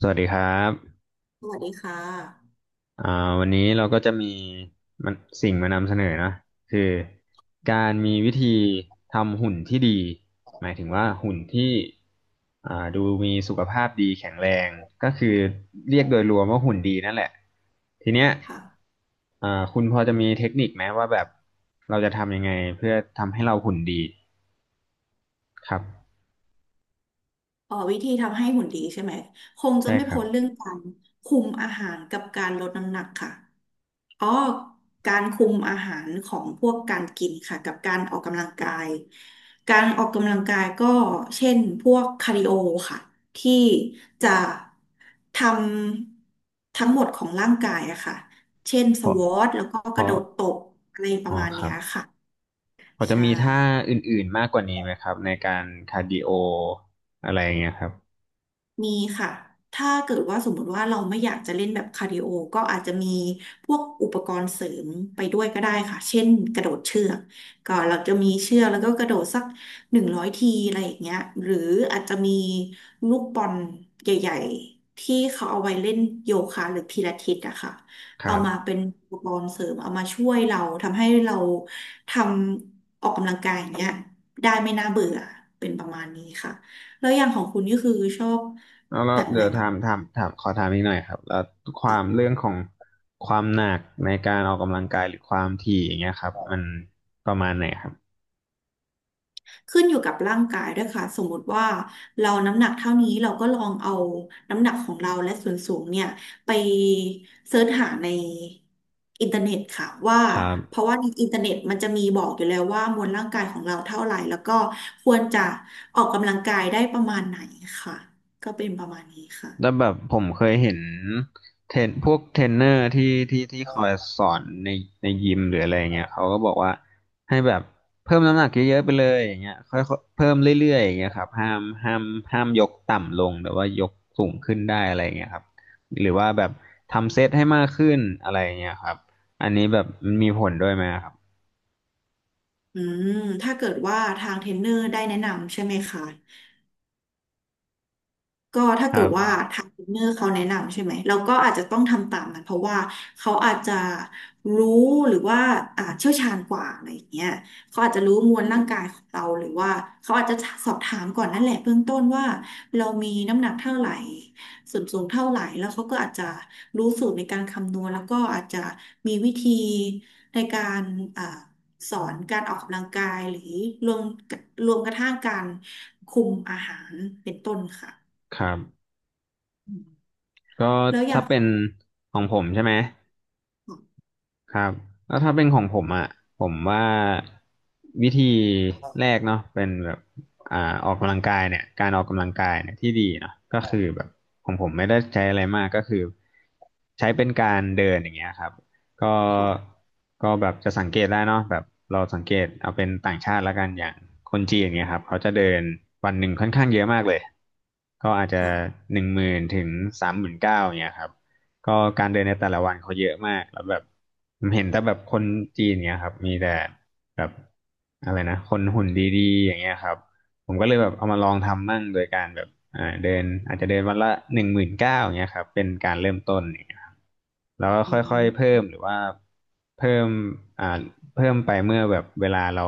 สวัสดีครับสวัสดีค่ะอ่าวันนี้เราก็จะมีมันสิ่งมานำเสนอนะคือการมีวิธีทำหุ่นที่ดีหมายถึงว่าหุ่นที่ดูมีสุขภาพดีแข็งแรงก็คือเรียกโดยรวมว่าหุ่นดีนั่นแหละ ทีเนี้ยค่ะคุณพอจะมีเทคนิคไหมว่าแบบเราจะทำยังไงเพื่อทำให้เราหุ่นดีครับ อ๋อวิธีทำให้หุ่นดีใช่ไหมคงจะใช่ไม่ครัพ้บนเรื่องการคุมอาหารกับการลดน้ำหนักค่ะอ๋อการคุมอาหารของพวกการกินค่ะกับการออกกำลังกายการออกกำลังกายก็เช่นพวกคาร์ดิโอค่ะที่จะทำทั้งหมดของร่างกายอะค่ะเช่นสเพราะควอทแล้วก็เพกระโดราะดตบอะไรปอ๋อระมาณคเนี้รับ ยค่ะพอจะใช่ มีท่าอื่นๆมากกว่านี้ไหมครับในการคาร์ดิโออะไรอย่างเงี้ยครับมีค่ะ ถ้าเกิดว่าสมมติว่าเราไม่อยากจะเล่นแบบคาร์ดิโอ ก็อาจจะมีพวกอุปกรณ์เสริมไปด้วยก็ได้ค่ะ เช่นกระโดดเชือกก็เราจะมีเชือกแล้วก็กระโดดสัก100ทีอะไรอย่างเงี้ยหรืออาจจะมีลูกบอลใหญ่ๆที่เขาเอาไว้เล่นโยคะหรือพิลาทิสอะค่ะคเอารับมาเป็นอุปกรณ์เสริมเอามาช่วยเราทำให้เราทำออกกำลังกายอย่างเงี้ยได้ไม่น่าเบื่อเป็นประมาณนี้ค่ะ แล้วอย่างของคุณนี่คือชอบแล้วแล้แบวบไหนเดี๋ยวบ้างถามถามถามขอถามอีกหน่อยครับแล้วความค่ะเรื่องของความหนักในการออกกำลังกายหรือความถี่อย่างเงี้ยครับมันประมาณไหนครับขึ้นอยู่กับร่างกายด้วยค่ะสมมติว่าเราน้ำหนักเท่านี้เราก็ลองเอาน้ำหนักของเราและส่วนสูงเนี่ยไปเสิร์ชหาในอินเทอร์เน็ตค่ะว่าครับ เพราะว่าในอินเทอร์เน็ตมันจะมีบอกอยู่แล้วว่ามวลร่างกายของเราเท่าไหร่แล้วก็ควรจะออกกำลังกายได้ประมาณไหนค่ะก็เป็นประมาณนี้แล้วค่ะแบบผมเคยเห็นเทรนพวกเทรนเนอร์ที่คอยสอนในยิมหรืออะไรเงี้ยเขาก็บอกว่าให้แบบเพิ่มน้ำหนักเยอะๆไปเลยอย่างเงี้ยค่อยๆเพิ่มเรื่อยๆอย่างเงี้ยครับห้ามยกต่ำลงแต่ว่ายกสูงขึ้นได้อะไรเงี้ยครับหรือว่าแบบทำเซตให้มากขึ้นอะไรเงี้ยครับอันนี้แบบมันมีผลด้วยไหมครับอืมถ้าเกิดว่าทางเทรนเนอร์ได้แนะนำใช่ไหมคะ ก็ถ้าคเกิรัดว่าบทางเทรนเนอร์เขาแนะนำใช่ไหมเราก็อาจจะต้องทำตามนั้นเพราะว่าเขาอาจจะรู้หรือว่าเชี่ยวชาญกว่าอะไรอย่างเงี้ยเขาอาจจะรู้มวลร่างกายของเราหรือว่าเขาอาจจะสอบถามก่อนนั่นแหละเบื้องต้นว่าเรามีน้ำหนักเท่าไหร่ส่วนสูงเท่าไหร่แล้วเขาก็อาจจะรู้สูตรในการคำนวณแล้วก็อาจจะมีวิธีในการอ่าสอนการออกกำลังกายหรือรวมรวมกระทั่งการคุมอาหารเป็นต้นค่ะ ครับอืมก็แล้วอย่าถ้างเป็นของผมใช่ไหม ครับแล้วถ้าเป็นของผมอ่ะผมว่าวิธีแรกเนาะเป็นแบบอ่าออกกำลังกายเนี่ยการออกกำลังกายเนี่ยที่ดีเนาะก็คือแบบของผมไม่ได้ใช้อะไรมากก็คือใช้เป็นการเดินอย่างเงี้ยครับก็ค่ะก็แบบจะสังเกตได้เนาะแบบเราสังเกตเอาเป็นต่างชาติและกันอย่างคนจีนอย่างเงี้ยครับเขาจะเดินวันหนึ่งค่อนข้างเยอะมากเลยก็อาจจะค่ะ10,000 ถึง 39,000อย่างเงี้ยครับ ก็การเดินในแต่ละวันเขาเยอะมากแล้วแบบผมเห็นแต่แบบคนจีนเนี้ยครับมีแต่แบบอะไรนะคนหุ่นดีๆอย่างเงี้ยครับผมก็เลยแบบเอามาลองทำมั่งโดยการแบบเดินอาจจะเดินวันละหนึ่งหมื่นเก้าอย่างเงี้ยครับเป็นการเริ่มต้นอย่างเงี้ยครับแล้วก็ค่อยๆเพิ่มหรือว่าเพิ่มอ่า เพิ่มไปเมื่อแบบเวลาเรา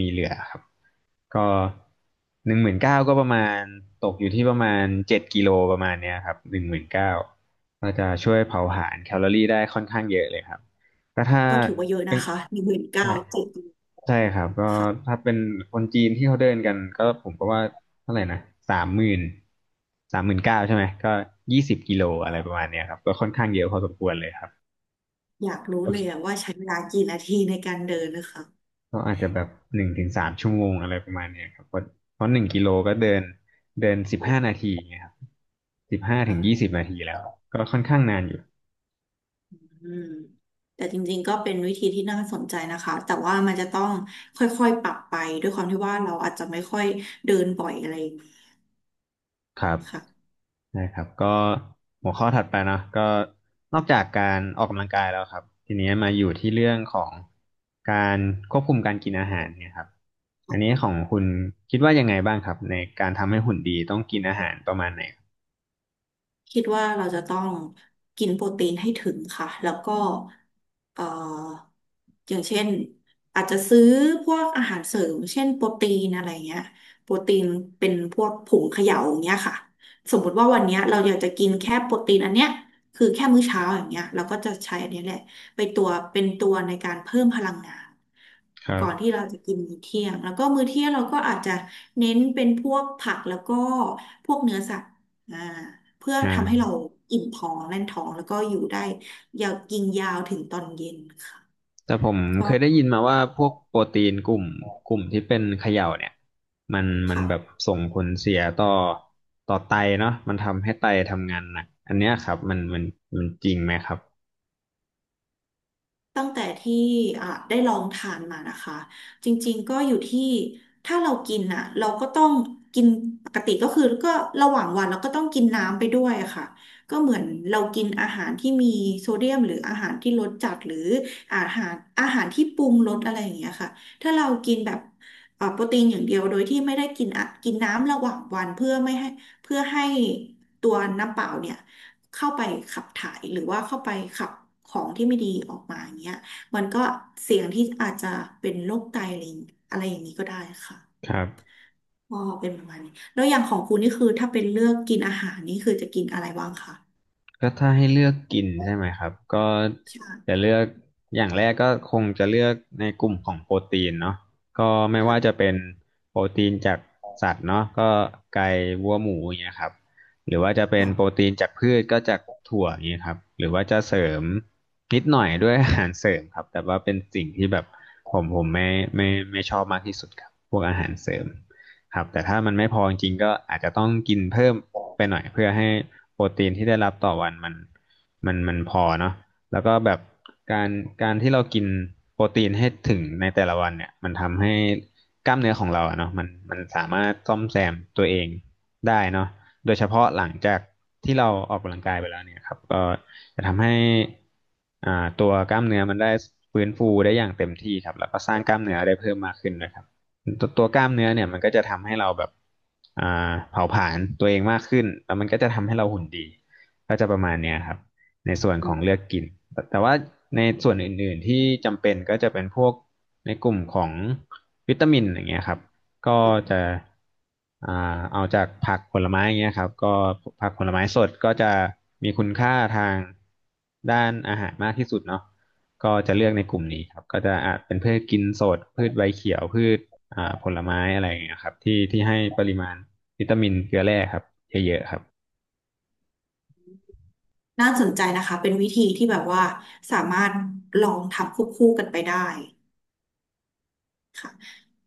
มีเหลือครับก็หนึ่งหมื่นเก้าก็ประมาณตกอยู่ที่ประมาณ7 กิโลประมาณเนี้ยครับหนึ่งหมื่นเก้าก็จะช่วยเผาผลาญแคลอรี่ได้ค่อนข้างเยอะเลยครับก็ถ้าก็ถือว่าเยอะเป็นนะคะหนึ่งหมื่นเก้าใช่เจ็ดใช่ครับก็ค่ะถ้าเป็นคนจีนที่เขาเดินกันก็ผมก็ว่าเท่าไหร่นะสามหมื่นสามหมื่นเก้าใช่ไหมก็20 กิโลอะไรประมาณเนี้ยครับก็ค่อนข้างเยอะพอสมควรเลยครับอยากรู้โอเลเค ยอะว่าใช้เวลากี่นาทีในการเดินนะคะก็อาจจะแบบ1 ถึง 3 ชั่วโมงอะไรประมาณเนี้ยครับเพราะหนึ่งกิโลก็เดินเดิน15 นาทีไงครับสิบห้าถึงยี่สิค่ะบนาทีแล้วก็ค่อนข้างนานอยู่อืมแต่จริงๆก็เป็นวิธีที่น่าสนใจนะคะแต่ว่ามันจะต้องค่อยๆปรับไปด้วยความที่ว่าเราอาจจะไม่ค่อยเดินบ่อยอะไรอย่างนี้ครับค่ะ นะครับก็หัวข้อถัดไปเนาะก็นอกจากการออกกำลังกายแล้วครับทีนี้มาอยู่ที่เรื่องของการควบคุมการกินอาหารเนี่ยครับอันนี้ของคุณคิดว่ายังไงบ้างครับในการทำให้หุ่นดีต้องกินอาหารประมาณไหนครับคิดว่าเราจะต้องกินโปรตีนให้ถึงค่ะแล้วก็เอ่ออย่างเช่น อาจจะซื้อพวกอาหารเสริมเช่นโปรตีนอะไรเงี้ยโปรตีนเป็นพวกผงเขย่าอย่างเงี้ยค่ะ สมมติว่าวันเนี้ยเราอยากจะกินแค่โปรตีนอันเนี้ยคือแค่มื้อเช้าอย่างเงี้ยเราก็จะใช้อันนี้แหละไปตัวเป็นตัวในการเพิ่มพลังงานครัก่บอนที่เราจะกินมื้อเที่ยง แล้วก็มื้อเที่ยงเราก็อาจจะเน้นเป็นพวกผักแล้วก็พวกเนื้อสัตว์อ่า เพื่ออ่า ทำให้เราอิ่มท้องแน่นท้องแล้วก็อยู่ได้ยาวกินยาวถึงตอนเย็นค่ะแต่ผมเคก็ยได้ยินมาว่าพวกโปรตีนกลุ่มที่เป็นเขย่าเนี่ยมันแบบค่ะ ส่งผลเสียต่อไตเนาะมันทำให้ไตทำงานหนักอันเนี้ยครับมันจริงไหมครับตั้งแต่ที่อ่ะได้ลองทานมานะคะจริงๆก็อยู่ที่ถ้าเรากินอ่ะเราก็ต้องกินปกติก็คือก็ระหว่างวันเราก็ต้องกินน้ำไปด้วยอะค่ะก็เหมือนเรากินอาหารที่มีโซเดียมหรืออาหารที่รสจัดหรืออาหารอาหารที่ปรุงรสอะไรอย่างเงี้ยค่ะถ้าเรากินแบบโปรตีนอย่างเดียวโดยที่ไม่ได้กินอะกินน้ำระหว่างวันเพื่อไม่ให้เพื่อให้ตัวน้ำเปล่าเนี่ย เข้าไปขับถ่ายหรือว่าเข้าไปขับของที่ไม่ดีออกมาอย่างเงี้ยมันก็เสี่ยงที่อาจจะเป็นโรคไตอะไรอย่างอะไรอย่างนี้ก็ได้ค่ะครับ ก็เป็นประมาณนี้แล้วอย่างของคุณนี่คือถ้าเป็นเลือกกินอาหารนี่คือจะกินอะไรบ้างคะก็ถ้าให้เลือกกินใช่ไหมครับก็จะใช่เลือกอย่างแรกก็คงจะเลือกในกลุ่มของโปรตีนเนาะก็ไม่ว่าจะค่ะเป็นโปรตีนจากสัตว์เนาะก็ไก่วัวหมูอย่างเงี้ยครับหรือว่าจะเป็นโปรค่ะตีนจากพืชก็จากถั่วอย่างเงี้ยครับหรือว่าจะเสริมนิดหน่อยด้วยอาหารเสริมครับแต่ว่าเป็นสิ่งที่แบบผมไม่ไม่ไม่ชอบมากที่สุดครับพวกอาหารเสริม ครับแต่ถ้ามันไม่พอจริงๆก็อาจจะต้องกินเพิ่มไปหน่อยเพื่อให้โปรตีนที่ได้รับต่อวันมันมันพอเนาะแล้วก็แบบการการที่เรากินโปรตีนให้ถึงในแต่ละวันเนี่ยมันทำให้กล้ามเนื้อของเราอะเนาะมันสามารถซ่อมแซมตัวเองได้เนาะโดยเฉพาะหลังจากที่เราออกกำลังกายไปแล้วเนี่ยครับก็จะทำให้อ่าตัวกล้ามเนื้อมันได้ฟื้นฟูได้อย่างเต็มที่ครับแล้วก็สร้างกล้ามเนื้อได้เพิ่มมากขึ้นนะครับ ตัวกล้ามเนื้อเนี่ยมันก็จะทำให้เราแบบอ่าเผาผลาญตัวเองมากขึ้นแล้วมันก็จะทำให้เราหุ่นดีก็จะประมาณเนี้ยครับในส่วนอืของมเลือกกินแต่ว่าในส่วนอื่นๆที่จำเป็นก็จะเป็นพวกในกลุ่มของวิตามินอย่างเงี้ยครับก็จะอ่าเอาจากผักผลไม้อย่างเงี้ยครับก็ผักผลไม้สดก็จะมีคุณค่าทางด้านอาหารมากที่สุดเนาะ ก็จะเลือกในกลุ่มนี้ครับก็จะอาจเป็นพืชกินสดพืชใบเขียวพืชผลไม้อะไรอย่างเงี้ยครับที่ให้ปริมาณวิตามินเกลือแร่ครับเยอะๆครับน่าสนใจนะคะเป็นวิธีที่แบบว่าสามารถลองทำควบคู่กันไปได้ค่ะ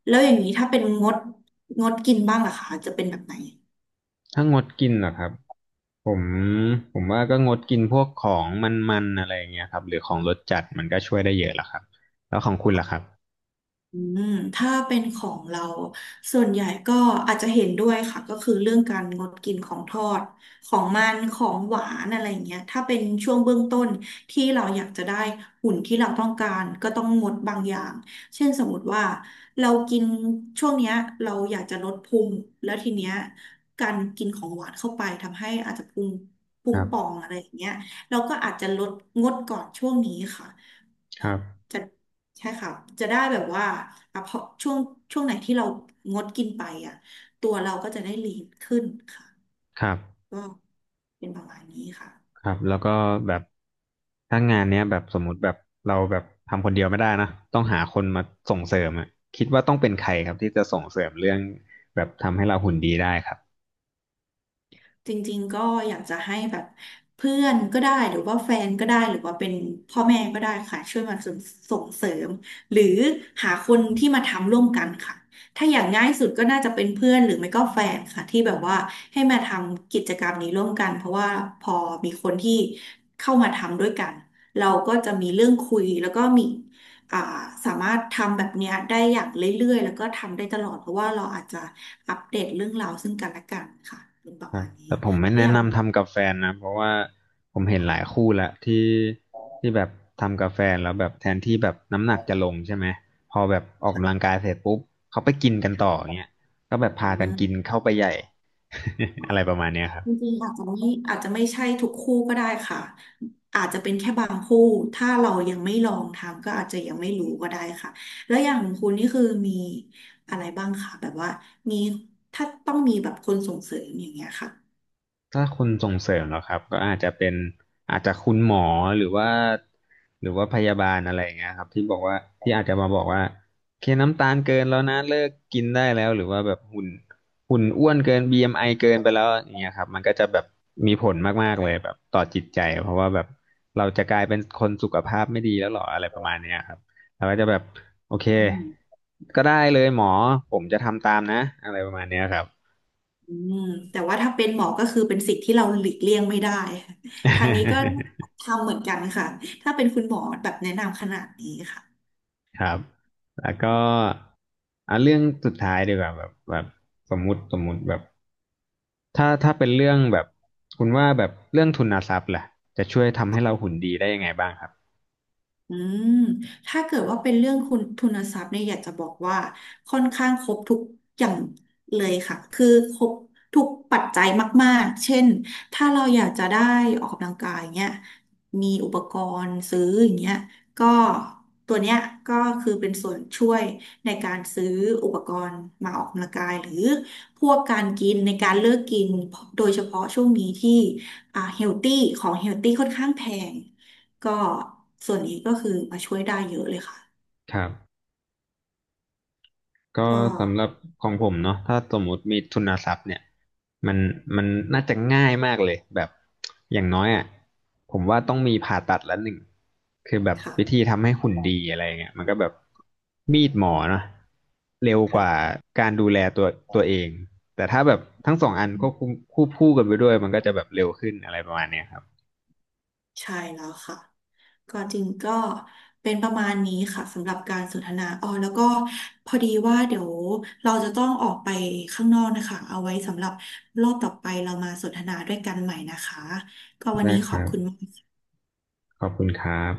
แล้วอย่างนี้ถ้าเป็นงดกินบ้างล่ะคะจะเป็นแบบไหน ถ้างดกินเหรอครับผมผมว่าก็งดกินพวกของมันๆอะไรอย่างเงี้ยครับหรือของรสจัดมันก็ช่วยได้เยอะละครับแล้วของคุณล่ะครับอืมถ้าเป็นของเราส่วนใหญ่ก็อาจจะเห็นด้วยค่ะก็คือเรื่องการงดกินของทอดของมันของหวานอะไรอย่างเงี้ยถ้าเป็นช่วงเบื้องต้นที่เราอยากจะได้หุ่นที่เราต้องการก็ต้องงดบางอย่างเช่นสมมติว่าเรากินช่วงเนี้ยเราอยากจะลดพุงแล้วทีเนี้ยการกินของหวานเข้าไปทำให้อาจจะพุงครับป่องอะไรอย่างเงี้ยเราก็อาจจะลดงดก่อนช่วงนี้ค่ะ ครับจะใช่ค่ะจะได้แบบว่าอ่ะพอช่วงไหนที่เรางดกินไปอ่ะตัวเราก็จะได้ลีนขึ้นค่ะครับ ก็เป็นประมาณนี้ค่ะ ครับแล้วก็แบบถ้างานเนี้ยแบบสมมุติแบบเราแบบทำคนเดียวไม่ได้นะต้องหาคนมาส่งเสริมอะคิดว่าต้องเป็นใครครับที่จะส่งเสริมเรื่องแบบทำให้เราหุ่นดีได้ครับจริงๆก็อยากจะให้แบบเพื่อนก็ได้หรือว่าแฟนก็ได้หรือว่าเป็นพ่อแม่ก็ได้ค่ะช่วยมาส่งเสริมหรือหาคนที่มาทำร่วมกันค่ะถ้าอย่างง่ายสุดก็น่าจะเป็นเพื่อนหรือไม่ก็แฟนค่ะที่แบบว่าให้มาทำกิจกรรมนี้ร่วมกันเพราะว่าพอมีคนที่เข้ามาทำด้วยกันเราก็จะมีเรื่องคุยแล้วก็มี อ่าสามารถทำแบบเนี้ยได้อย่างเรื่อยๆแล้วก็ทำได้ตลอดเพราะว่าเราอาจจะอัปเดตเรื่องราวซึ่งกันและกันค่ะเป็นประครัมาบณนี้แต่ผมไม่ตัวแนะอย่างของนำทำกับแฟนนะเพราะว่าผมเห็นหลายคู่ละที่แบบทำกับแฟนแล้วแบบแทนที่แบบน้ำหนักจะลงใช่ไหมพอแบบออกกำลังกายเสร็จปุ๊บเขาไปกินกันต่ออย่างเงี้ยก็แบบคุณพากันเงินกินเข้าไปใหญ่ อ๋อ อะไรประมาณเนี้ยครับ จริงๆอาจจะไม่ใช่ทุกคู่ก็ได้ค่ะอาจจะเป็นแค่บางคู่ถ้าเรายังไม่ลองทำก็อาจจะยังไม่รู้ก็ได้ค่ะแล้วอย่างคุณนี่คือมีอะไรบ้างคะแบบว่ามีถ้าต้องมีแบบคนส่งเสริมอย่างเงี้ยค่ะถ้าคนส่งเสริมเหรอครับก็อาจจะเป็นอาจจะคุณหมอหรือว่าหรือว่าพยาบาลอะไรอย่างเงี้ยครับที่บอกว่าที่อาจจะมาบอกว่าโอเคน้ำตาลเกินแล้วนะเลิกกินได้แล้วหรือว่าแบบหุ่นอ้วนเกิน BMI เอ็มไอเกินไปแล้วอย่างเงี้ยครับมันก็จะแบบมีผลมากๆเลยแบบต่อจิตใจเพราะว่าแบบเราจะกลายเป็นคนสุขภาพไม่ดีแล้วหรออะไรประมาณเนี้ยครับเราก็จะแบบโอเคอืม ก็ได้เลยหมอผมจะทำตามนะอะไรประมาณเนี้ยครับ อืมแต่ว่าถ้าเป็นหมอก็คือเป็นสิ่งที่เราหลีกเลี่ยงไม่ได้ค่ะทางนี้ก็ ทำเหมือนกันค่ะถ้าเป็นคุณหมอแบบแนะนำขนาดนี้ค่ะ ครับ แล้วก็อ่ะเรื่องสุดท้ายดีกว่าแบบสมมุติแบบถ้าเป็นเรื่องแบบคุณว่าแบบเรื่องทุนทรัพย์ล่ะจะช่วยทำให้เราหุ่นดีได้ยังไงบ้างครับอืมถ้าเกิดว่าเป็นเรื่องคุณทุนทรัพย์เนี่ยอยากจะบอกว่าค่อนข้างครบทุกอย่างเลยค่ะคือครบทุกปัจจัยมากๆ เช่น ถ้าเราอยากจะได้ออกกำลังกายเงี้ยมีอุปกรณ์ซื้ออย่างเงี้ยก็ตัวเนี้ยก็คือเป็นส่วนช่วยในการซื้ออุปกรณ์มาออกกำลังกายหรือพวกการกินในการเลือกกินโดยเฉพาะช่วงนี้ที่เฮลตี้ของเฮลตี้ค่อนข้างแพง ก็ส่วนนี้ก็คือมาช่วยได้เยอะเลยค่ะครับ ก็ก็สำหรับของผมเนาะถ้าสมมุติมีทุนทรัพย์เนี่ยมันมันน่าจะง่ายมากเลยแบบอย่างน้อยอ่ะผมว่าต้องมีผ่าตัดละหนึ่งคือแบบค่ะวิธีทำให้หุ่นดีอะไรเงี้ยมันก็แบบมีดหมอเนาะเร็วกว่าค่ะการดูแลตัวเองแต่ถ้าแบบทั้งสองอันก็ควบคู่กันไปด้วยมันก็จะแบบเร็วขึ้นอะไรประมาณเนี้ยครับใช่แล้วค่ะก็จริงก็เป็นประมาณนี้ค่ะสำหรับการสนทนาอ๋อแล้วก็พอดีว่าเดี๋ยวเราจะต้องออกไปข้างนอกนะคะเอาไว้สำหรับรอบต่อไปเรามาสนทนาด้วยกันใหม่นะคะก็วันได้นี้คขอบรับคุณมากขอบคุณครับ